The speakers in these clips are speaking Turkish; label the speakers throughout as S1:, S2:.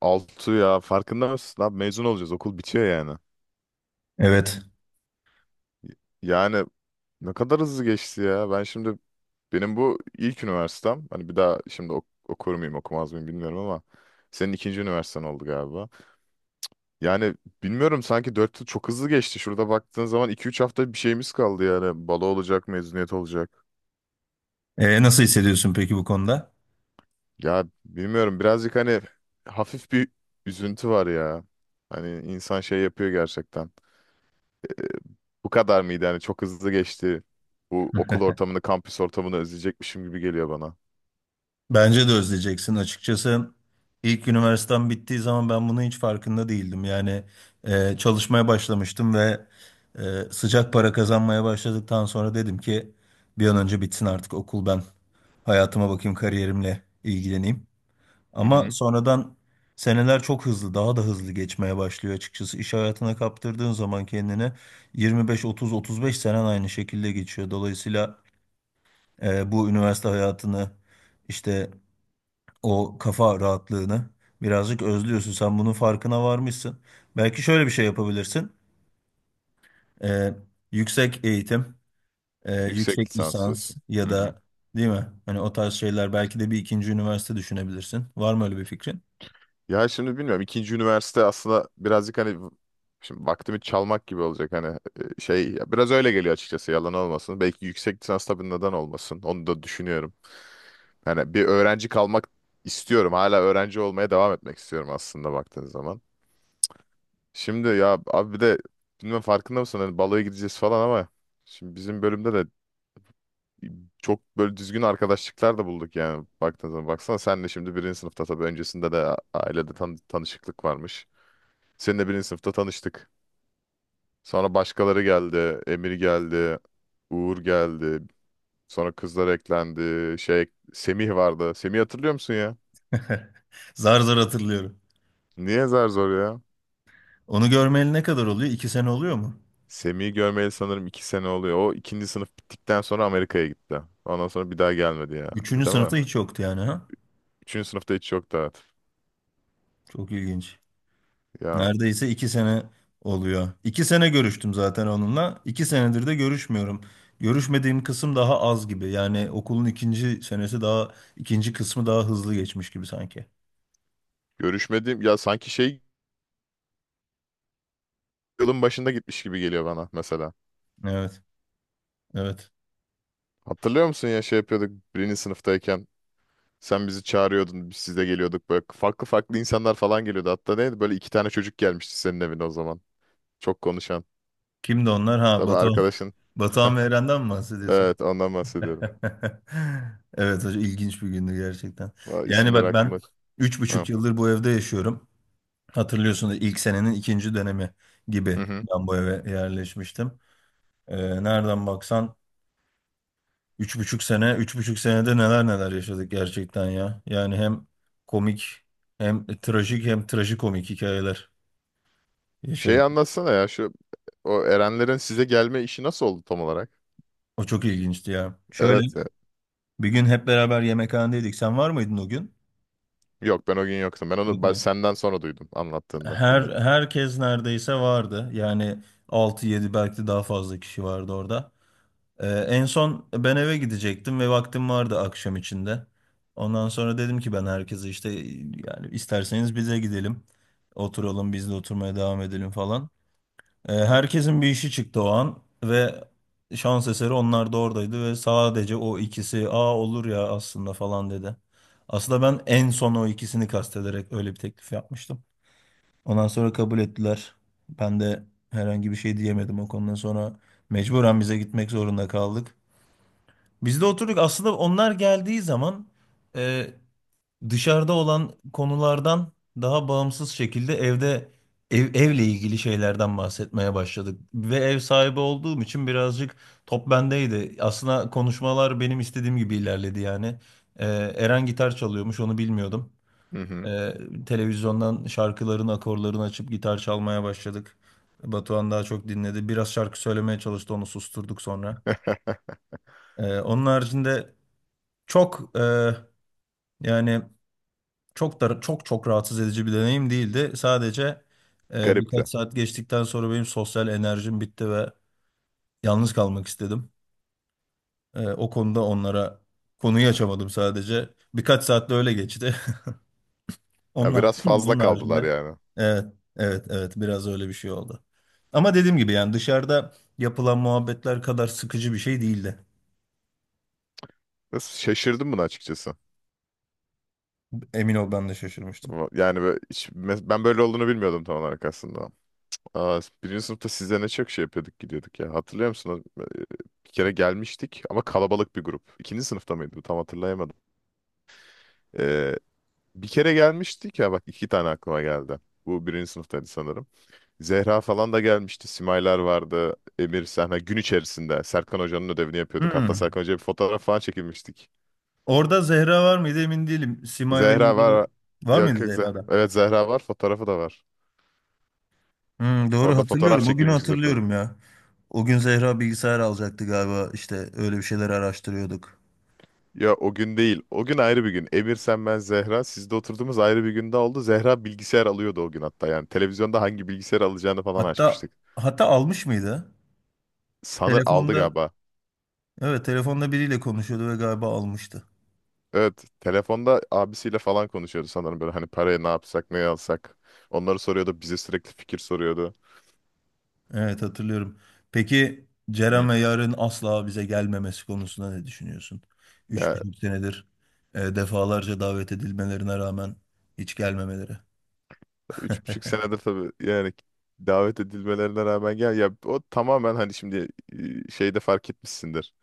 S1: Altı ya, farkında mısın? Abi, mezun olacağız, okul bitiyor yani.
S2: Evet.
S1: Yani ne kadar hızlı geçti ya. Benim bu ilk üniversitem. Hani bir daha şimdi okur muyum, okumaz mıyım bilmiyorum ama senin ikinci üniversiten oldu galiba. Yani bilmiyorum, sanki 4 yıl çok hızlı geçti. Şurada baktığın zaman iki üç hafta bir şeyimiz kaldı yani. Balo olacak, mezuniyet olacak.
S2: Nasıl hissediyorsun peki bu konuda?
S1: Ya bilmiyorum, birazcık hani hafif bir üzüntü var ya. Hani insan şey yapıyor gerçekten. Bu kadar mıydı yani? Çok hızlı geçti. Bu okul ortamını, kampüs ortamını özleyecekmişim gibi geliyor bana.
S2: Bence de özleyeceksin. Açıkçası ilk üniversitem bittiği zaman ben bunun hiç farkında değildim. Yani çalışmaya başlamıştım ve sıcak para kazanmaya başladıktan sonra dedim ki bir an önce bitsin artık okul, ben hayatıma bakayım, kariyerimle ilgileneyim.
S1: Hı
S2: Ama
S1: hı.
S2: sonradan seneler çok hızlı, daha da hızlı geçmeye başlıyor açıkçası. İş hayatına kaptırdığın zaman kendini 25, 30, 35 senen aynı şekilde geçiyor. Dolayısıyla bu üniversite hayatını işte o kafa rahatlığını birazcık özlüyorsun. Sen bunun farkına varmışsın. Belki şöyle bir şey yapabilirsin. E, yüksek eğitim,
S1: Yüksek
S2: yüksek
S1: lisans
S2: lisans
S1: diyorsun.
S2: ya
S1: Hı hı.
S2: da, değil mi? Hani o tarz şeyler, belki de bir ikinci üniversite düşünebilirsin. Var mı öyle bir fikrin?
S1: Ya şimdi bilmiyorum, ikinci üniversite aslında birazcık hani şimdi vaktimi çalmak gibi olacak hani, şey ya biraz öyle geliyor açıkçası, yalan olmasın. Belki yüksek lisans, tabii neden olmasın, onu da düşünüyorum. Yani bir öğrenci kalmak istiyorum, hala öğrenci olmaya devam etmek istiyorum aslında baktığın zaman. Şimdi ya abi, bir de bilmem farkında mısın, hani baloya gideceğiz falan ama şimdi bizim bölümde de çok böyle düzgün arkadaşlıklar da bulduk yani baktığın zaman. Baksana, senle şimdi birinci sınıfta, tabii öncesinde de ailede tanışıklık varmış. Seninle birinci sınıfta tanıştık. Sonra başkaları geldi. Emir geldi. Uğur geldi. Sonra kızlar eklendi. Şey, Semih vardı. Semih, hatırlıyor musun ya?
S2: Zar zar hatırlıyorum.
S1: Niye zar zor ya?
S2: Onu görmeyeli ne kadar oluyor? İki sene oluyor mu?
S1: Semih'i görmeyeli sanırım 2 sene oluyor. O, ikinci sınıf bittikten sonra Amerika'ya gitti. Ondan sonra bir daha gelmedi ya.
S2: Üçüncü
S1: Değil mi?
S2: sınıfta hiç yoktu yani, ha?
S1: Üçüncü sınıfta hiç yoktu, evet.
S2: Çok ilginç.
S1: Ya
S2: Neredeyse iki sene oluyor. İki sene görüştüm zaten onunla. İki senedir de görüşmüyorum. Görüşmediğim kısım daha az gibi. Yani okulun ikinci senesi daha, ikinci kısmı daha hızlı geçmiş gibi sanki.
S1: görüşmediğim ya sanki şey, yılın başında gitmiş gibi geliyor bana mesela.
S2: Evet, evet.
S1: Hatırlıyor musun ya şey yapıyorduk birinci sınıftayken, sen bizi çağırıyordun, biz size geliyorduk, böyle farklı farklı insanlar falan geliyordu. Hatta neydi, böyle iki tane çocuk gelmişti senin evine o zaman. Çok konuşan.
S2: Kimdi onlar? Ha,
S1: Tabii
S2: Batuhan.
S1: arkadaşın.
S2: Batuhan ve Eren'den mi bahsediyorsun?
S1: Evet, ondan bahsediyorum.
S2: Evet, hocam, ilginç bir gündü gerçekten.
S1: Aa,
S2: Yani
S1: İsimler
S2: bak, ben
S1: aklımda.
S2: üç buçuk
S1: Hı
S2: yıldır bu evde yaşıyorum. Hatırlıyorsunuz, ilk senenin ikinci dönemi gibi
S1: hı. Hı.
S2: ben bu eve yerleşmiştim. Nereden baksan üç buçuk sene, üç buçuk senede neler neler yaşadık gerçekten ya. Yani hem komik, hem trajik, hem trajikomik hikayeler
S1: Şeyi
S2: yaşadık.
S1: anlatsana ya, şu o Erenlerin size gelme işi nasıl oldu tam olarak?
S2: O çok ilginçti ya. Şöyle,
S1: Evet.
S2: bir gün hep beraber yemekhanedeydik. Sen var mıydın o gün?
S1: Yok, ben o gün yoktum.
S2: Yok
S1: Ben
S2: mu?
S1: senden sonra duydum, anlattığında dinledim.
S2: Herkes neredeyse vardı. Yani altı yedi, belki de daha fazla kişi vardı orada. En son ben eve gidecektim ve vaktim vardı akşam içinde. Ondan sonra dedim ki ben herkese işte, yani isterseniz bize gidelim. Oturalım, biz de oturmaya devam edelim falan. Herkesin bir işi çıktı o an ve şans eseri onlar da oradaydı ve sadece o ikisi "aa, olur ya aslında" falan dedi. Aslında ben en son o ikisini kastederek öyle bir teklif yapmıştım. Ondan sonra kabul ettiler. Ben de herhangi bir şey diyemedim o konudan sonra. Mecburen bize gitmek zorunda kaldık. Biz de oturduk. Aslında onlar geldiği zaman e, dışarıda olan konulardan daha bağımsız şekilde evde, evle ilgili şeylerden bahsetmeye başladık. Ve ev sahibi olduğum için birazcık top bendeydi. Aslında konuşmalar benim istediğim gibi ilerledi yani. E, Eren gitar çalıyormuş, onu bilmiyordum.
S1: Hı hı.
S2: E, televizyondan şarkıların akorlarını açıp gitar çalmaya başladık. Batuhan daha çok dinledi. Biraz şarkı söylemeye çalıştı, onu susturduk sonra. Onun haricinde çok yani çok da, çok rahatsız edici bir deneyim değildi. Sadece
S1: Garipti.
S2: birkaç saat geçtikten sonra benim sosyal enerjim bitti ve yalnız kalmak istedim. O konuda onlara konuyu açamadım sadece. Birkaç saat de öyle geçti.
S1: Ya
S2: Onlar
S1: biraz fazla
S2: onun
S1: kaldılar
S2: haricinde
S1: yani.
S2: evet, evet, evet, biraz öyle bir şey oldu. Ama dediğim gibi, yani dışarıda yapılan muhabbetler kadar sıkıcı bir şey değildi.
S1: Biraz şaşırdım buna, açıkçası.
S2: Emin ol, ben de şaşırmıştım.
S1: Ama yani böyle ben böyle olduğunu bilmiyordum tam olarak aslında. Aa, birinci sınıfta size ne çok şey yapıyorduk, gidiyorduk ya. Hatırlıyor musun? O, bir kere gelmiştik ama kalabalık bir grup. İkinci sınıfta mıydı bu? Tam hatırlayamadım. Ee, Bir kere gelmiştik ya, bak, iki tane aklıma geldi. Bu birinci sınıftaydı sanırım. Zehra falan da gelmişti. Simaylar vardı. Emir Sahne. Gün içerisinde Serkan Hoca'nın ödevini yapıyorduk. Hatta
S2: Hmm.
S1: Serkan Hoca'ya bir fotoğraf falan çekilmiştik.
S2: Orada Zehra var mıydı emin değilim. Simay ve
S1: Zehra
S2: Nida
S1: var.
S2: var mıydı,
S1: Yok yok, Zehra.
S2: Zehra'da?
S1: Evet, Zehra var. Fotoğrafı da var.
S2: Hmm, doğru
S1: Orada fotoğraf
S2: hatırlıyorum. O günü
S1: çekilmişiz hep.
S2: hatırlıyorum ya. O gün Zehra bilgisayar alacaktı galiba. İşte öyle bir şeyler araştırıyorduk.
S1: Ya o gün değil. O gün ayrı bir gün. Emir, sen, ben, Zehra. Sizde oturduğumuz ayrı bir günde oldu. Zehra bilgisayar alıyordu o gün hatta. Yani televizyonda hangi bilgisayar alacağını falan
S2: Hatta
S1: açmıştık.
S2: hatta almış mıydı?
S1: Sanır aldı
S2: Telefonda,
S1: galiba.
S2: evet telefonda biriyle konuşuyordu ve galiba almıştı.
S1: Evet, telefonda abisiyle falan konuşuyordu sanırım, böyle hani paraya ne yapsak, ne alsak. Onları soruyordu, bize sürekli fikir soruyordu.
S2: Evet, hatırlıyorum. Peki Ceren
S1: Hı.
S2: ve Yarın asla bize gelmemesi konusunda ne düşünüyorsun? Üç
S1: Ya
S2: buçuk senedir defalarca davet edilmelerine rağmen hiç gelmemeleri.
S1: 3,5 senedir tabii yani, davet edilmelerine rağmen gel ya, o tamamen hani şimdi şeyde fark etmişsindir.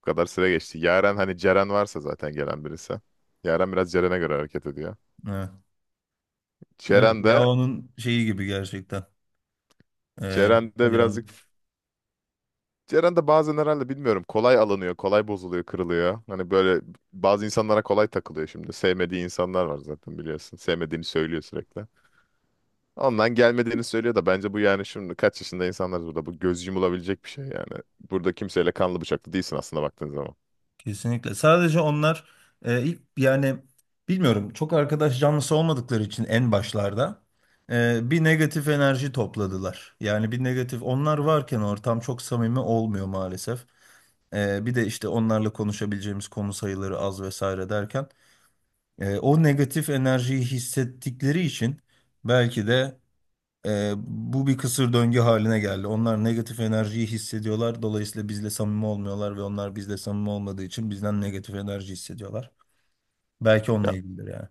S1: Bu kadar süre geçti. Yaren, hani Ceren varsa zaten gelen birisi. Yaren biraz Ceren'e göre hareket ediyor.
S2: Evet
S1: Ceren de
S2: ya, onun şeyi gibi gerçekten. Ee,
S1: Ceren de
S2: yani
S1: birazcık Ceren de bazen, herhalde bilmiyorum, kolay alınıyor, kolay bozuluyor, kırılıyor. Hani böyle bazı insanlara kolay takılıyor şimdi. Sevmediği insanlar var zaten, biliyorsun. Sevmediğini söylüyor sürekli. Ondan gelmediğini söylüyor da bence bu yani, şimdi kaç yaşında insanlar, burada bu göz yumulabilecek bir şey yani. Burada kimseyle kanlı bıçaklı değilsin aslında baktığın zaman.
S2: kesinlikle. Sadece onlar ilk, yani bilmiyorum, çok arkadaş canlısı olmadıkları için en başlarda bir negatif enerji topladılar. Yani bir negatif, onlar varken ortam çok samimi olmuyor maalesef. Bir de işte onlarla konuşabileceğimiz konu sayıları az vesaire derken o negatif enerjiyi hissettikleri için belki de bu bir kısır döngü haline geldi. Onlar negatif enerjiyi hissediyorlar. Dolayısıyla bizle samimi olmuyorlar ve onlar bizle samimi olmadığı için bizden negatif enerji hissediyorlar. Belki onunla
S1: Ya
S2: ilgilidir yani.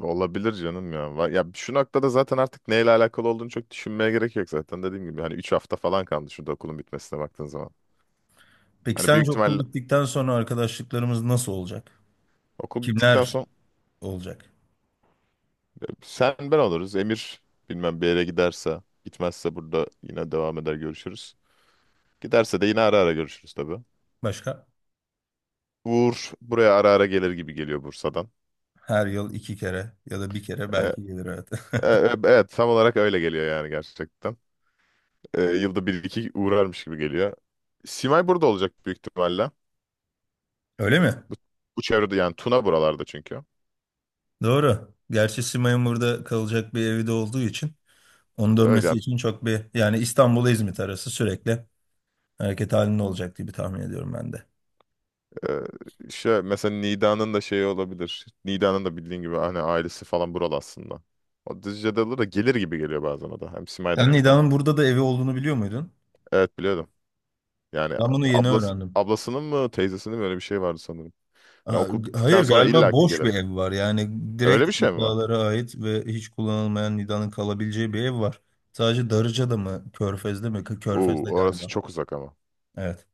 S1: olabilir canım ya. Ya şu noktada zaten artık neyle alakalı olduğunu çok düşünmeye gerek yok zaten. Dediğim gibi hani 3 hafta falan kaldı şurada, okulun bitmesine baktığın zaman.
S2: Peki
S1: Hani büyük
S2: sence okul
S1: ihtimalle
S2: bittikten sonra arkadaşlıklarımız nasıl olacak?
S1: okul bittikten
S2: Kimler
S1: sonra
S2: olacak?
S1: sen, ben oluruz. Emir bilmem, bir yere giderse, gitmezse burada yine devam eder, görüşürüz. Giderse de yine ara ara görüşürüz tabii.
S2: Başka?
S1: Uğur buraya ara ara gelir gibi geliyor Bursa'dan.
S2: Her yıl iki kere ya da bir kere
S1: E,
S2: belki gelir, evet.
S1: e, e, evet, tam olarak öyle geliyor yani, gerçekten. Yılda bir iki uğrarmış gibi geliyor. Simay burada olacak büyük ihtimalle.
S2: Öyle mi?
S1: Bu çevrede yani, Tuna buralarda çünkü.
S2: Doğru. Gerçi Simay'ın burada kalacak bir evi de olduğu için onun
S1: Evet
S2: dönmesi
S1: yani,
S2: için çok bir, yani İstanbul'a İzmit arası sürekli hareket halinde olacak diye bir tahmin ediyorum ben de.
S1: şey, mesela Nida'nın da şeyi olabilir. Nida'nın da bildiğin gibi hani ailesi falan buralı aslında. O Düzce'de olur da gelir gibi geliyor bazen o da. Hem Simay da
S2: Sen
S1: burada.
S2: Nida'nın burada da evi olduğunu biliyor muydun?
S1: Evet, biliyordum. Yani
S2: Ben bunu yeni öğrendim.
S1: ablasının mı, teyzesinin mi, öyle bir şey vardı sanırım. Hani
S2: Ha-
S1: okul bittikten
S2: Hayır,
S1: sonra
S2: galiba
S1: illaki
S2: boş bir
S1: gelir.
S2: ev var. Yani
S1: Öyle
S2: direkt
S1: bir şey mi var?
S2: Nida'lara ait ve hiç kullanılmayan, Nida'nın kalabileceği bir ev var. Sadece Darıca'da mı? Körfez'de mi? Kı-
S1: Uu,
S2: Körfez'de
S1: orası
S2: galiba.
S1: çok uzak ama.
S2: Evet.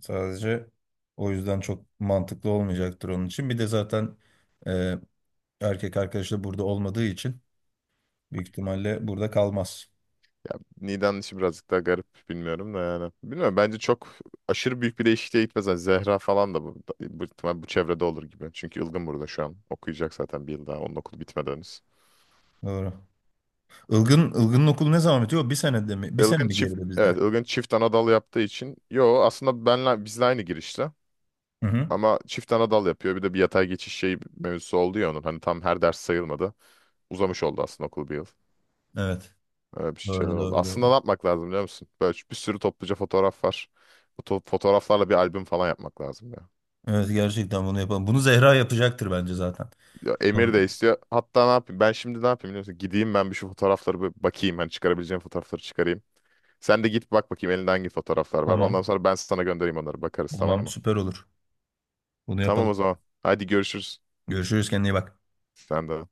S2: Sadece o yüzden çok mantıklı olmayacaktır onun için. Bir de zaten e, erkek arkadaşı da burada olmadığı için büyük ihtimalle burada kalmaz.
S1: Niğde'nin işi birazcık daha garip, bilmiyorum da yani. Bilmiyorum, bence çok aşırı büyük bir değişikliğe gitmez. Hani Zehra falan da ihtimal bu çevrede olur gibi. Çünkü Ilgın burada şu an. Okuyacak zaten bir yıl daha. Onun okulu bitmeden henüz.
S2: Doğru. Ilgın'ın okulu ne zaman bitiyor? Bir senede mi? Bir sene mi geride bizden?
S1: Evet, Ilgın çift Anadolu yaptığı için. Yo aslında bizle aynı girişte.
S2: Hı hı.
S1: Ama çift ana dal yapıyor. Bir de bir yatay geçiş şey mevzusu oldu ya onun. Hani tam her ders sayılmadı. Uzamış oldu aslında okul bir yıl.
S2: Evet.
S1: Öyle bir şeyler
S2: Doğru,
S1: oldu.
S2: doğru,
S1: Aslında ne
S2: doğru.
S1: yapmak lazım, biliyor musun? Böyle bir sürü topluca fotoğraf var. Bu fotoğraflarla bir albüm falan yapmak lazım ya.
S2: Evet, gerçekten bunu yapalım. Bunu Zehra yapacaktır bence zaten.
S1: Ya Emir
S2: Tamam.
S1: de istiyor. Hatta ne yapayım? Ben şimdi ne yapayım, biliyor musun? Gideyim ben bir şu fotoğrafları bir bakayım. Hani çıkarabileceğim fotoğrafları çıkarayım. Sen de git bak bakayım elinde hangi fotoğraflar var. Ondan
S2: Tamam,
S1: sonra ben sana göndereyim onları. Bakarız, tamam
S2: tamam,
S1: mı?
S2: süper olur. Bunu
S1: Tamam
S2: yapalım.
S1: o zaman. Hadi görüşürüz.
S2: Görüşürüz, kendine iyi bak.
S1: Sen de.